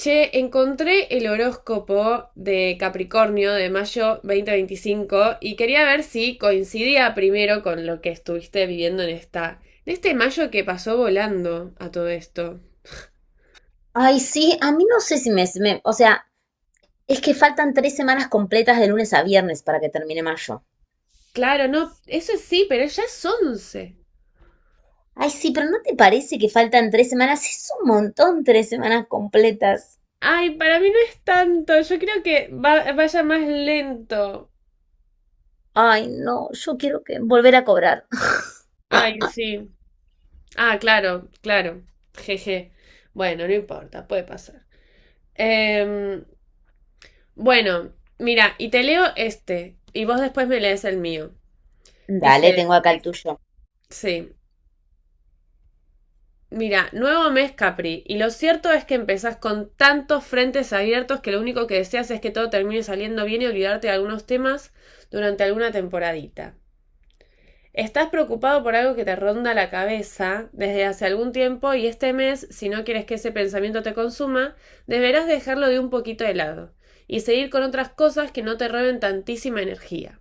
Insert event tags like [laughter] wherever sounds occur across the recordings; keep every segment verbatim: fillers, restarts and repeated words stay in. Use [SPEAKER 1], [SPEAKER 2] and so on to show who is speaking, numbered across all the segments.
[SPEAKER 1] Che, encontré el horóscopo de Capricornio de mayo dos mil veinticinco y quería ver si coincidía primero con lo que estuviste viviendo en esta, en este mayo que pasó volando a todo esto.
[SPEAKER 2] Ay, sí, a mí no sé si me, me- O sea, es que faltan tres semanas completas de lunes a viernes para que termine mayo.
[SPEAKER 1] Claro, no, eso sí, pero ya es once.
[SPEAKER 2] Ay, sí, pero ¿no te parece que faltan tres semanas? Es un montón tres semanas completas.
[SPEAKER 1] Ay, para mí no es tanto, yo creo que va- vaya más lento.
[SPEAKER 2] Ay, no, yo quiero que volver a cobrar.
[SPEAKER 1] Ay,
[SPEAKER 2] [laughs]
[SPEAKER 1] sí. Ah, claro, claro. Jeje. Bueno, no importa, puede pasar. Em, Bueno, mira, y te leo este, y vos después me lees el mío.
[SPEAKER 2] Dale,
[SPEAKER 1] Dice,
[SPEAKER 2] tengo acá el tuyo.
[SPEAKER 1] sí, mira, nuevo mes Capri, y lo cierto es que empezás con tantos frentes abiertos que lo único que deseas es que todo termine saliendo bien y olvidarte de algunos temas durante alguna temporadita. Estás preocupado por algo que te ronda la cabeza desde hace algún tiempo y este mes, si no quieres que ese pensamiento te consuma, deberás dejarlo de un poquito de lado y seguir con otras cosas que no te roben tantísima energía.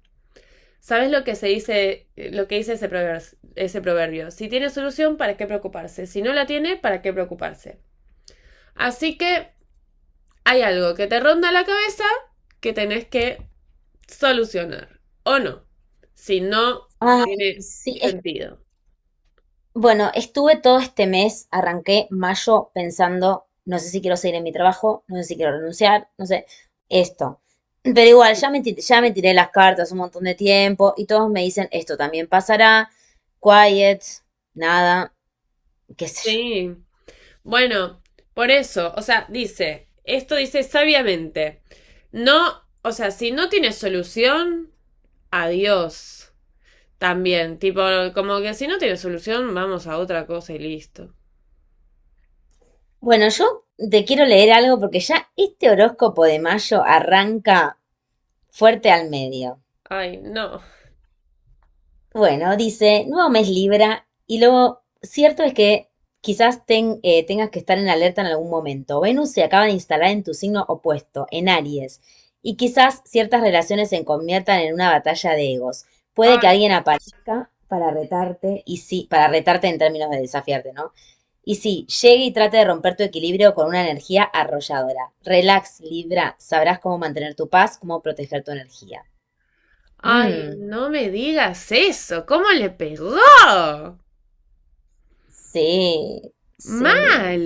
[SPEAKER 1] ¿Sabes lo que se dice, eh, lo que dice ese proverbio, ese proverbio? Si tiene solución, ¿para qué preocuparse? Si no la tiene, ¿para qué preocuparse? Así que hay algo que te ronda la cabeza que tenés que solucionar. ¿O no? Si no
[SPEAKER 2] Ay,
[SPEAKER 1] tiene
[SPEAKER 2] sí, es
[SPEAKER 1] sentido.
[SPEAKER 2] Bueno, estuve todo este mes, arranqué mayo pensando, no sé si quiero seguir en mi trabajo, no sé si quiero renunciar, no sé, esto. Pero igual, ya me, ti- ya me tiré las cartas un montón de tiempo y todos me dicen, esto también pasará, quiet, nada, qué sé yo.
[SPEAKER 1] Sí. Bueno, por eso, o sea, dice, esto dice sabiamente. No, o sea, si no tiene solución, adiós. También, tipo, como que si no tiene solución, vamos a otra cosa y listo.
[SPEAKER 2] Bueno, yo te quiero leer algo porque ya este horóscopo de mayo arranca fuerte al medio.
[SPEAKER 1] Ay, no.
[SPEAKER 2] Bueno, dice, nuevo mes Libra, y lo cierto es que quizás ten- eh, tengas que estar en alerta en algún momento. Venus se acaba de instalar en tu signo opuesto, en Aries, y quizás ciertas relaciones se conviertan en una batalla de egos. Puede que
[SPEAKER 1] Ay,
[SPEAKER 2] alguien aparezca para retarte, y sí, para retarte en términos de desafiarte, ¿no? Y sí, llegue y trate de romper tu equilibrio con una energía arrolladora. Relax, Libra, sabrás cómo mantener tu paz, cómo proteger tu energía.
[SPEAKER 1] ay,
[SPEAKER 2] Mm.
[SPEAKER 1] no me digas eso. ¿Cómo le pegó?
[SPEAKER 2] Sí, sí.
[SPEAKER 1] Mal,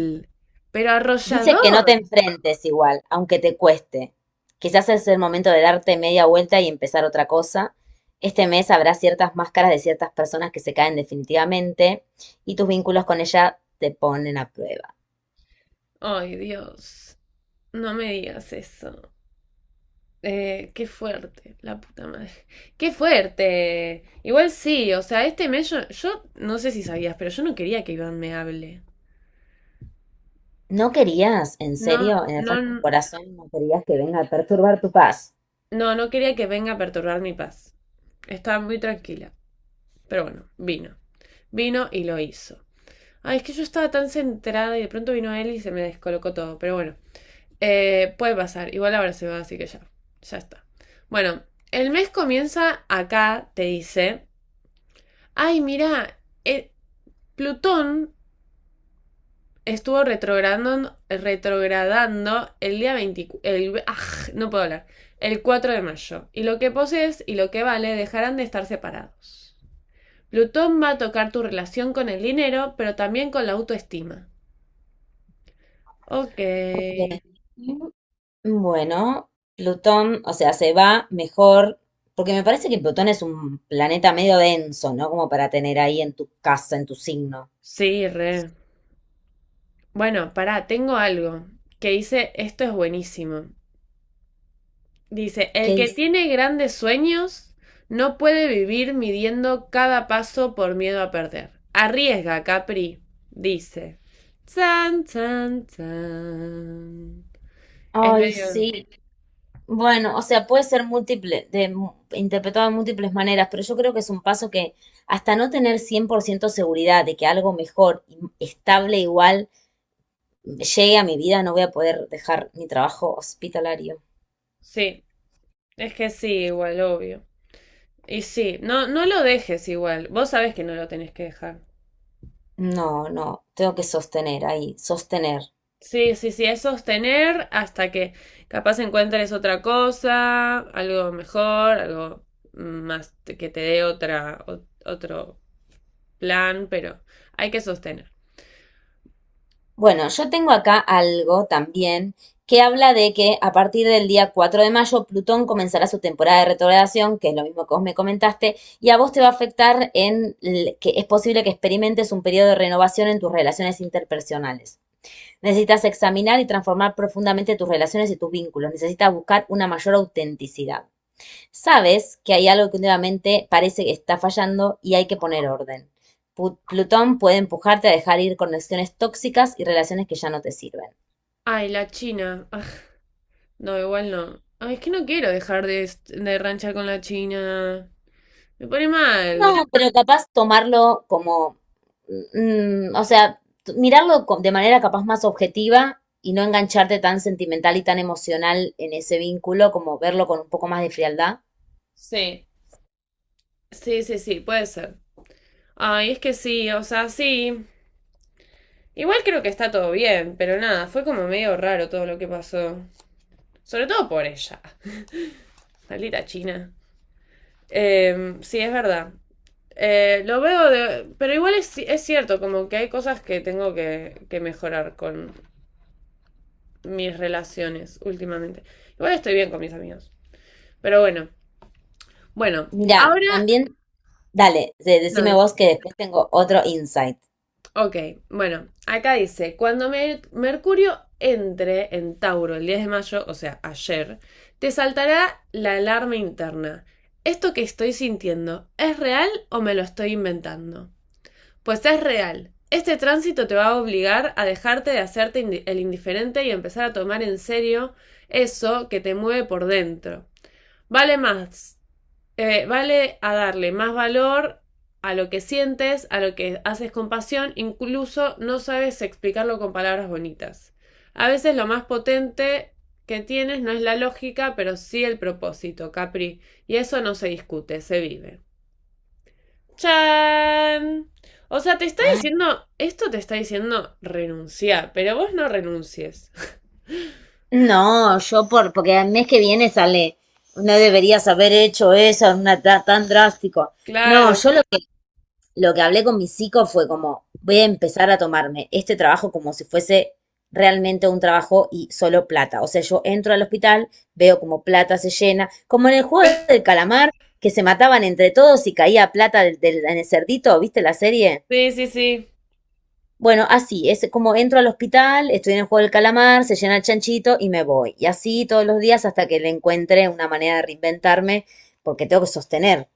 [SPEAKER 1] pero
[SPEAKER 2] Dice que
[SPEAKER 1] arrollador.
[SPEAKER 2] no te enfrentes igual, aunque te cueste. Quizás es el momento de darte media vuelta y empezar otra cosa. Este mes habrá ciertas máscaras de ciertas personas que se caen definitivamente y tus vínculos con ella te ponen a prueba.
[SPEAKER 1] Ay, Dios, no me digas eso. Eh, qué fuerte, la puta madre. Qué fuerte. Igual sí, o sea, este mes yo, yo no sé si sabías, pero yo no quería que Iván me hable.
[SPEAKER 2] ¿No querías, en
[SPEAKER 1] No,
[SPEAKER 2] serio, en el
[SPEAKER 1] no,
[SPEAKER 2] fondo de tu corazón, no querías que venga a perturbar tu paz?
[SPEAKER 1] no, no quería que venga a perturbar mi paz. Estaba muy tranquila. Pero bueno, vino. Vino y lo hizo. Ay, es que yo estaba tan centrada y de pronto vino él y se me descolocó todo. Pero bueno, eh, puede pasar. Igual ahora se va, así que ya. Ya está. Bueno, el mes comienza acá, te dice. Ay, mira, eh, Plutón estuvo retrogradando, retrogradando el día veinticuatro. El, aj, no puedo hablar. El cuatro de mayo. Y lo que posees y lo que vale dejarán de estar separados. Plutón va a tocar tu relación con el dinero, pero también con la autoestima. Ok.
[SPEAKER 2] Ok. Bueno, Plutón, o sea, se va mejor, porque me parece que Plutón es un planeta medio denso, ¿no? Como para tener ahí en tu casa, en tu signo.
[SPEAKER 1] Sí, re. Bueno, pará, tengo algo que dice, esto es buenísimo. Dice,
[SPEAKER 2] ¿Qué
[SPEAKER 1] el que
[SPEAKER 2] dice?
[SPEAKER 1] tiene grandes sueños no puede vivir midiendo cada paso por miedo a perder. Arriesga, Capri, dice. Chan, chan, chan. Es
[SPEAKER 2] Ay,
[SPEAKER 1] medio...
[SPEAKER 2] sí. Bueno, o sea, puede ser múltiple, de, mu- interpretado de múltiples maneras, pero yo creo que es un paso que hasta no tener cien por ciento seguridad de que algo mejor, y estable igual, llegue a mi vida, no voy a poder dejar mi trabajo hospitalario.
[SPEAKER 1] Sí, es que sí, igual, obvio. Y sí, no, no lo dejes igual. Vos sabés que no lo tenés que dejar.
[SPEAKER 2] No, no, tengo que sostener ahí, sostener.
[SPEAKER 1] Sí, sí, sí, es sostener hasta que capaz encuentres otra cosa, algo mejor, algo más te- que te dé otra, o- otro plan, pero hay que sostener.
[SPEAKER 2] Bueno, yo tengo acá algo también que habla de que a partir del día cuatro de mayo Plutón comenzará su temporada de retrogradación, que es lo mismo que vos me comentaste, y a vos te va a afectar en l- que es posible que experimentes un periodo de renovación en tus relaciones interpersonales. Necesitas examinar y transformar profundamente tus relaciones y tus vínculos. Necesitas buscar una mayor autenticidad. Sabes que hay algo que últimamente parece que está fallando y hay que poner orden. Pu- Plutón puede empujarte a dejar ir conexiones tóxicas y relaciones que ya no te sirven.
[SPEAKER 1] Ay, la China. Aj, no, igual no. Ay, es que no quiero dejar de, est- de ranchar con la China. Me pone
[SPEAKER 2] No,
[SPEAKER 1] mal.
[SPEAKER 2] pero capaz tomarlo como, mm, o sea, t- mirarlo co- de manera capaz más objetiva y no engancharte tan sentimental y tan emocional en ese vínculo, como verlo con un poco más de frialdad.
[SPEAKER 1] Sí, sí, sí, sí, puede ser. Ay, es que sí, o sea, sí. Igual creo que está todo bien, pero nada, fue como medio raro todo lo que pasó. Sobre todo por ella. Maldita China. Eh, sí, es verdad. Eh, lo veo de... Pero igual es, es cierto, como que hay cosas que tengo que, que mejorar con mis relaciones últimamente. Igual estoy bien con mis amigos. Pero bueno. Bueno,
[SPEAKER 2] Mira,
[SPEAKER 1] ahora...
[SPEAKER 2] también, dale, de-
[SPEAKER 1] No,
[SPEAKER 2] decime vos que después tengo otro insight.
[SPEAKER 1] ok, bueno, acá dice, cuando Mer- Mercurio entre en Tauro el diez de mayo, o sea, ayer, te saltará la alarma interna. ¿Esto que estoy sintiendo es real o me lo estoy inventando? Pues es real. Este tránsito te va a obligar a dejarte de hacerte indi- el indiferente y empezar a tomar en serio eso que te mueve por dentro. Vale más eh, vale a darle más valor a lo que sientes, a lo que haces con pasión, incluso no sabes explicarlo con palabras bonitas. A veces lo más potente que tienes no es la lógica, pero sí el propósito, Capri. Y eso no se discute, se vive. ¡Chan! O sea, te está diciendo, esto te está diciendo renunciar, pero vos no renuncies. [laughs]
[SPEAKER 2] No, yo por, porque el mes que viene sale. No deberías haber hecho eso, una, ta- tan drástico. No,
[SPEAKER 1] Claro.
[SPEAKER 2] yo lo que, lo que hablé con mi psico fue como, voy a empezar a tomarme este trabajo como si fuese realmente un trabajo y solo plata. O sea, yo entro al hospital, veo como plata se llena, como en el juego
[SPEAKER 1] [laughs]
[SPEAKER 2] del calamar, que se mataban entre todos y caía plata del, del- en el cerdito, ¿viste la serie?
[SPEAKER 1] Sí, sí, sí.
[SPEAKER 2] Bueno, así, es como entro al hospital, estoy en el juego del calamar, se llena el chanchito y me voy. Y así todos los días hasta que le encuentre una manera de reinventarme, porque tengo que sostener.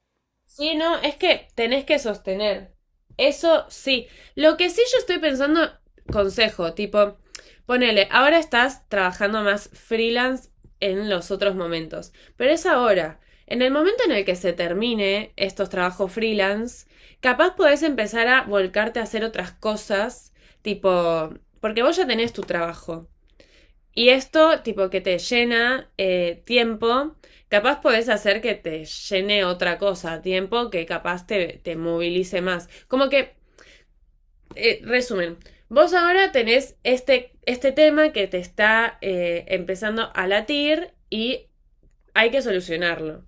[SPEAKER 1] Sí, no, es que tenés que sostener. Eso sí. Lo que sí yo estoy pensando, consejo, tipo, ponele, ahora estás trabajando más freelance en los otros momentos, pero es ahora. En el momento en el que se termine estos trabajos freelance, capaz podés empezar a volcarte a hacer otras cosas, tipo, porque vos ya tenés tu trabajo. Y esto, tipo, que te llena eh, tiempo, capaz podés hacer que te llene otra cosa, tiempo que capaz te, te movilice más. Como que, eh, resumen, vos ahora tenés este, este tema que te está eh, empezando a latir y hay que solucionarlo.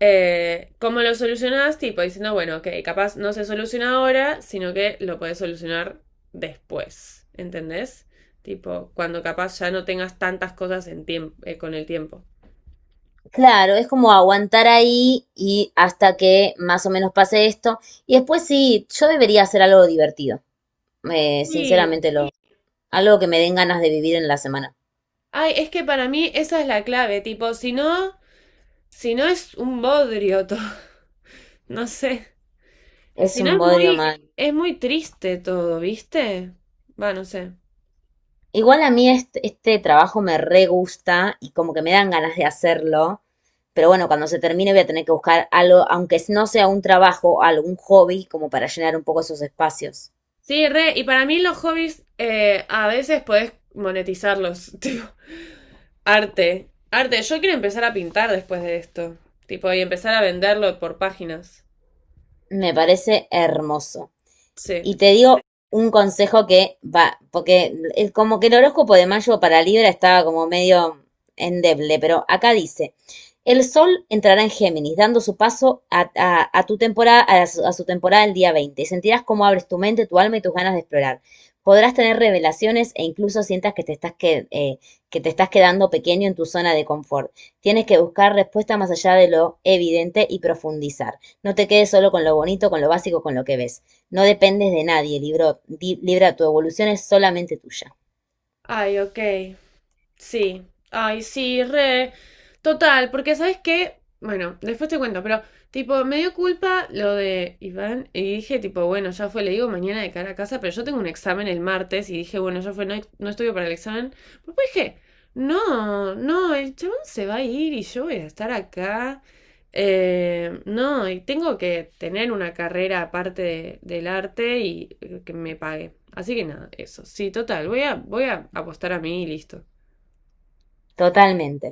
[SPEAKER 1] Eh, ¿cómo lo solucionás? Tipo diciendo, bueno, ok, capaz no se soluciona ahora, sino que lo puedes solucionar después, ¿entendés? Tipo, cuando capaz ya no tengas tantas cosas en tiemp- eh, con el tiempo.
[SPEAKER 2] Claro, es como aguantar ahí y hasta que más o menos pase esto. Y después sí, yo debería hacer algo divertido. eh,
[SPEAKER 1] Sí.
[SPEAKER 2] sinceramente, lo, algo que me den ganas de vivir en la semana.
[SPEAKER 1] Ay, es que para mí esa es la clave, tipo, si no, si no es un bodrio todo, [laughs] no sé,
[SPEAKER 2] Es
[SPEAKER 1] si no
[SPEAKER 2] un
[SPEAKER 1] es
[SPEAKER 2] bodrio
[SPEAKER 1] muy,
[SPEAKER 2] más.
[SPEAKER 1] es muy triste todo, ¿viste? Va, no sé.
[SPEAKER 2] Igual a mí este, este trabajo me re gusta y como que me dan ganas de hacerlo, pero bueno, cuando se termine voy a tener que buscar algo, aunque no sea un trabajo, algún hobby, como para llenar un poco esos espacios.
[SPEAKER 1] Sí, re, y para mí los hobbies eh, a veces podés monetizarlos, [laughs] tipo. Arte. Arte. Yo quiero empezar a pintar después de esto. Tipo, y empezar a venderlo por páginas.
[SPEAKER 2] Me parece hermoso.
[SPEAKER 1] Sí.
[SPEAKER 2] Y te digo un consejo que va, porque el- como que el horóscopo de mayo para Libra estaba como medio endeble, pero acá dice, el sol entrará en Géminis, dando su paso a, a- a tu temporada, a su, a su temporada el día veinte. Y sentirás cómo abres tu mente, tu alma y tus ganas de explorar. Podrás tener revelaciones e incluso sientas que te estás, que, eh, que te estás quedando pequeño en tu zona de confort. Tienes que buscar respuesta más allá de lo evidente y profundizar. No te quedes solo con lo bonito, con lo básico, con lo que ves. No dependes de nadie, libro- di- Libra, tu evolución es solamente tuya.
[SPEAKER 1] Ay, ok. Sí, ay, sí, re. Total, porque ¿sabes qué? Bueno, después te cuento, pero tipo, me dio culpa lo de Iván y dije, tipo, bueno, ya fue, le digo mañana de cara a casa, pero yo tengo un examen el martes y dije, bueno, ya fue, no, no estudio para el examen. Pero después dije, no, no, el chabón se va a ir y yo voy a estar acá. Eh, no, y tengo que tener una carrera aparte de- del arte y eh, que me pague. Así que nada, eso. Sí, total, voy a, voy a apostar a mí y listo.
[SPEAKER 2] Totalmente.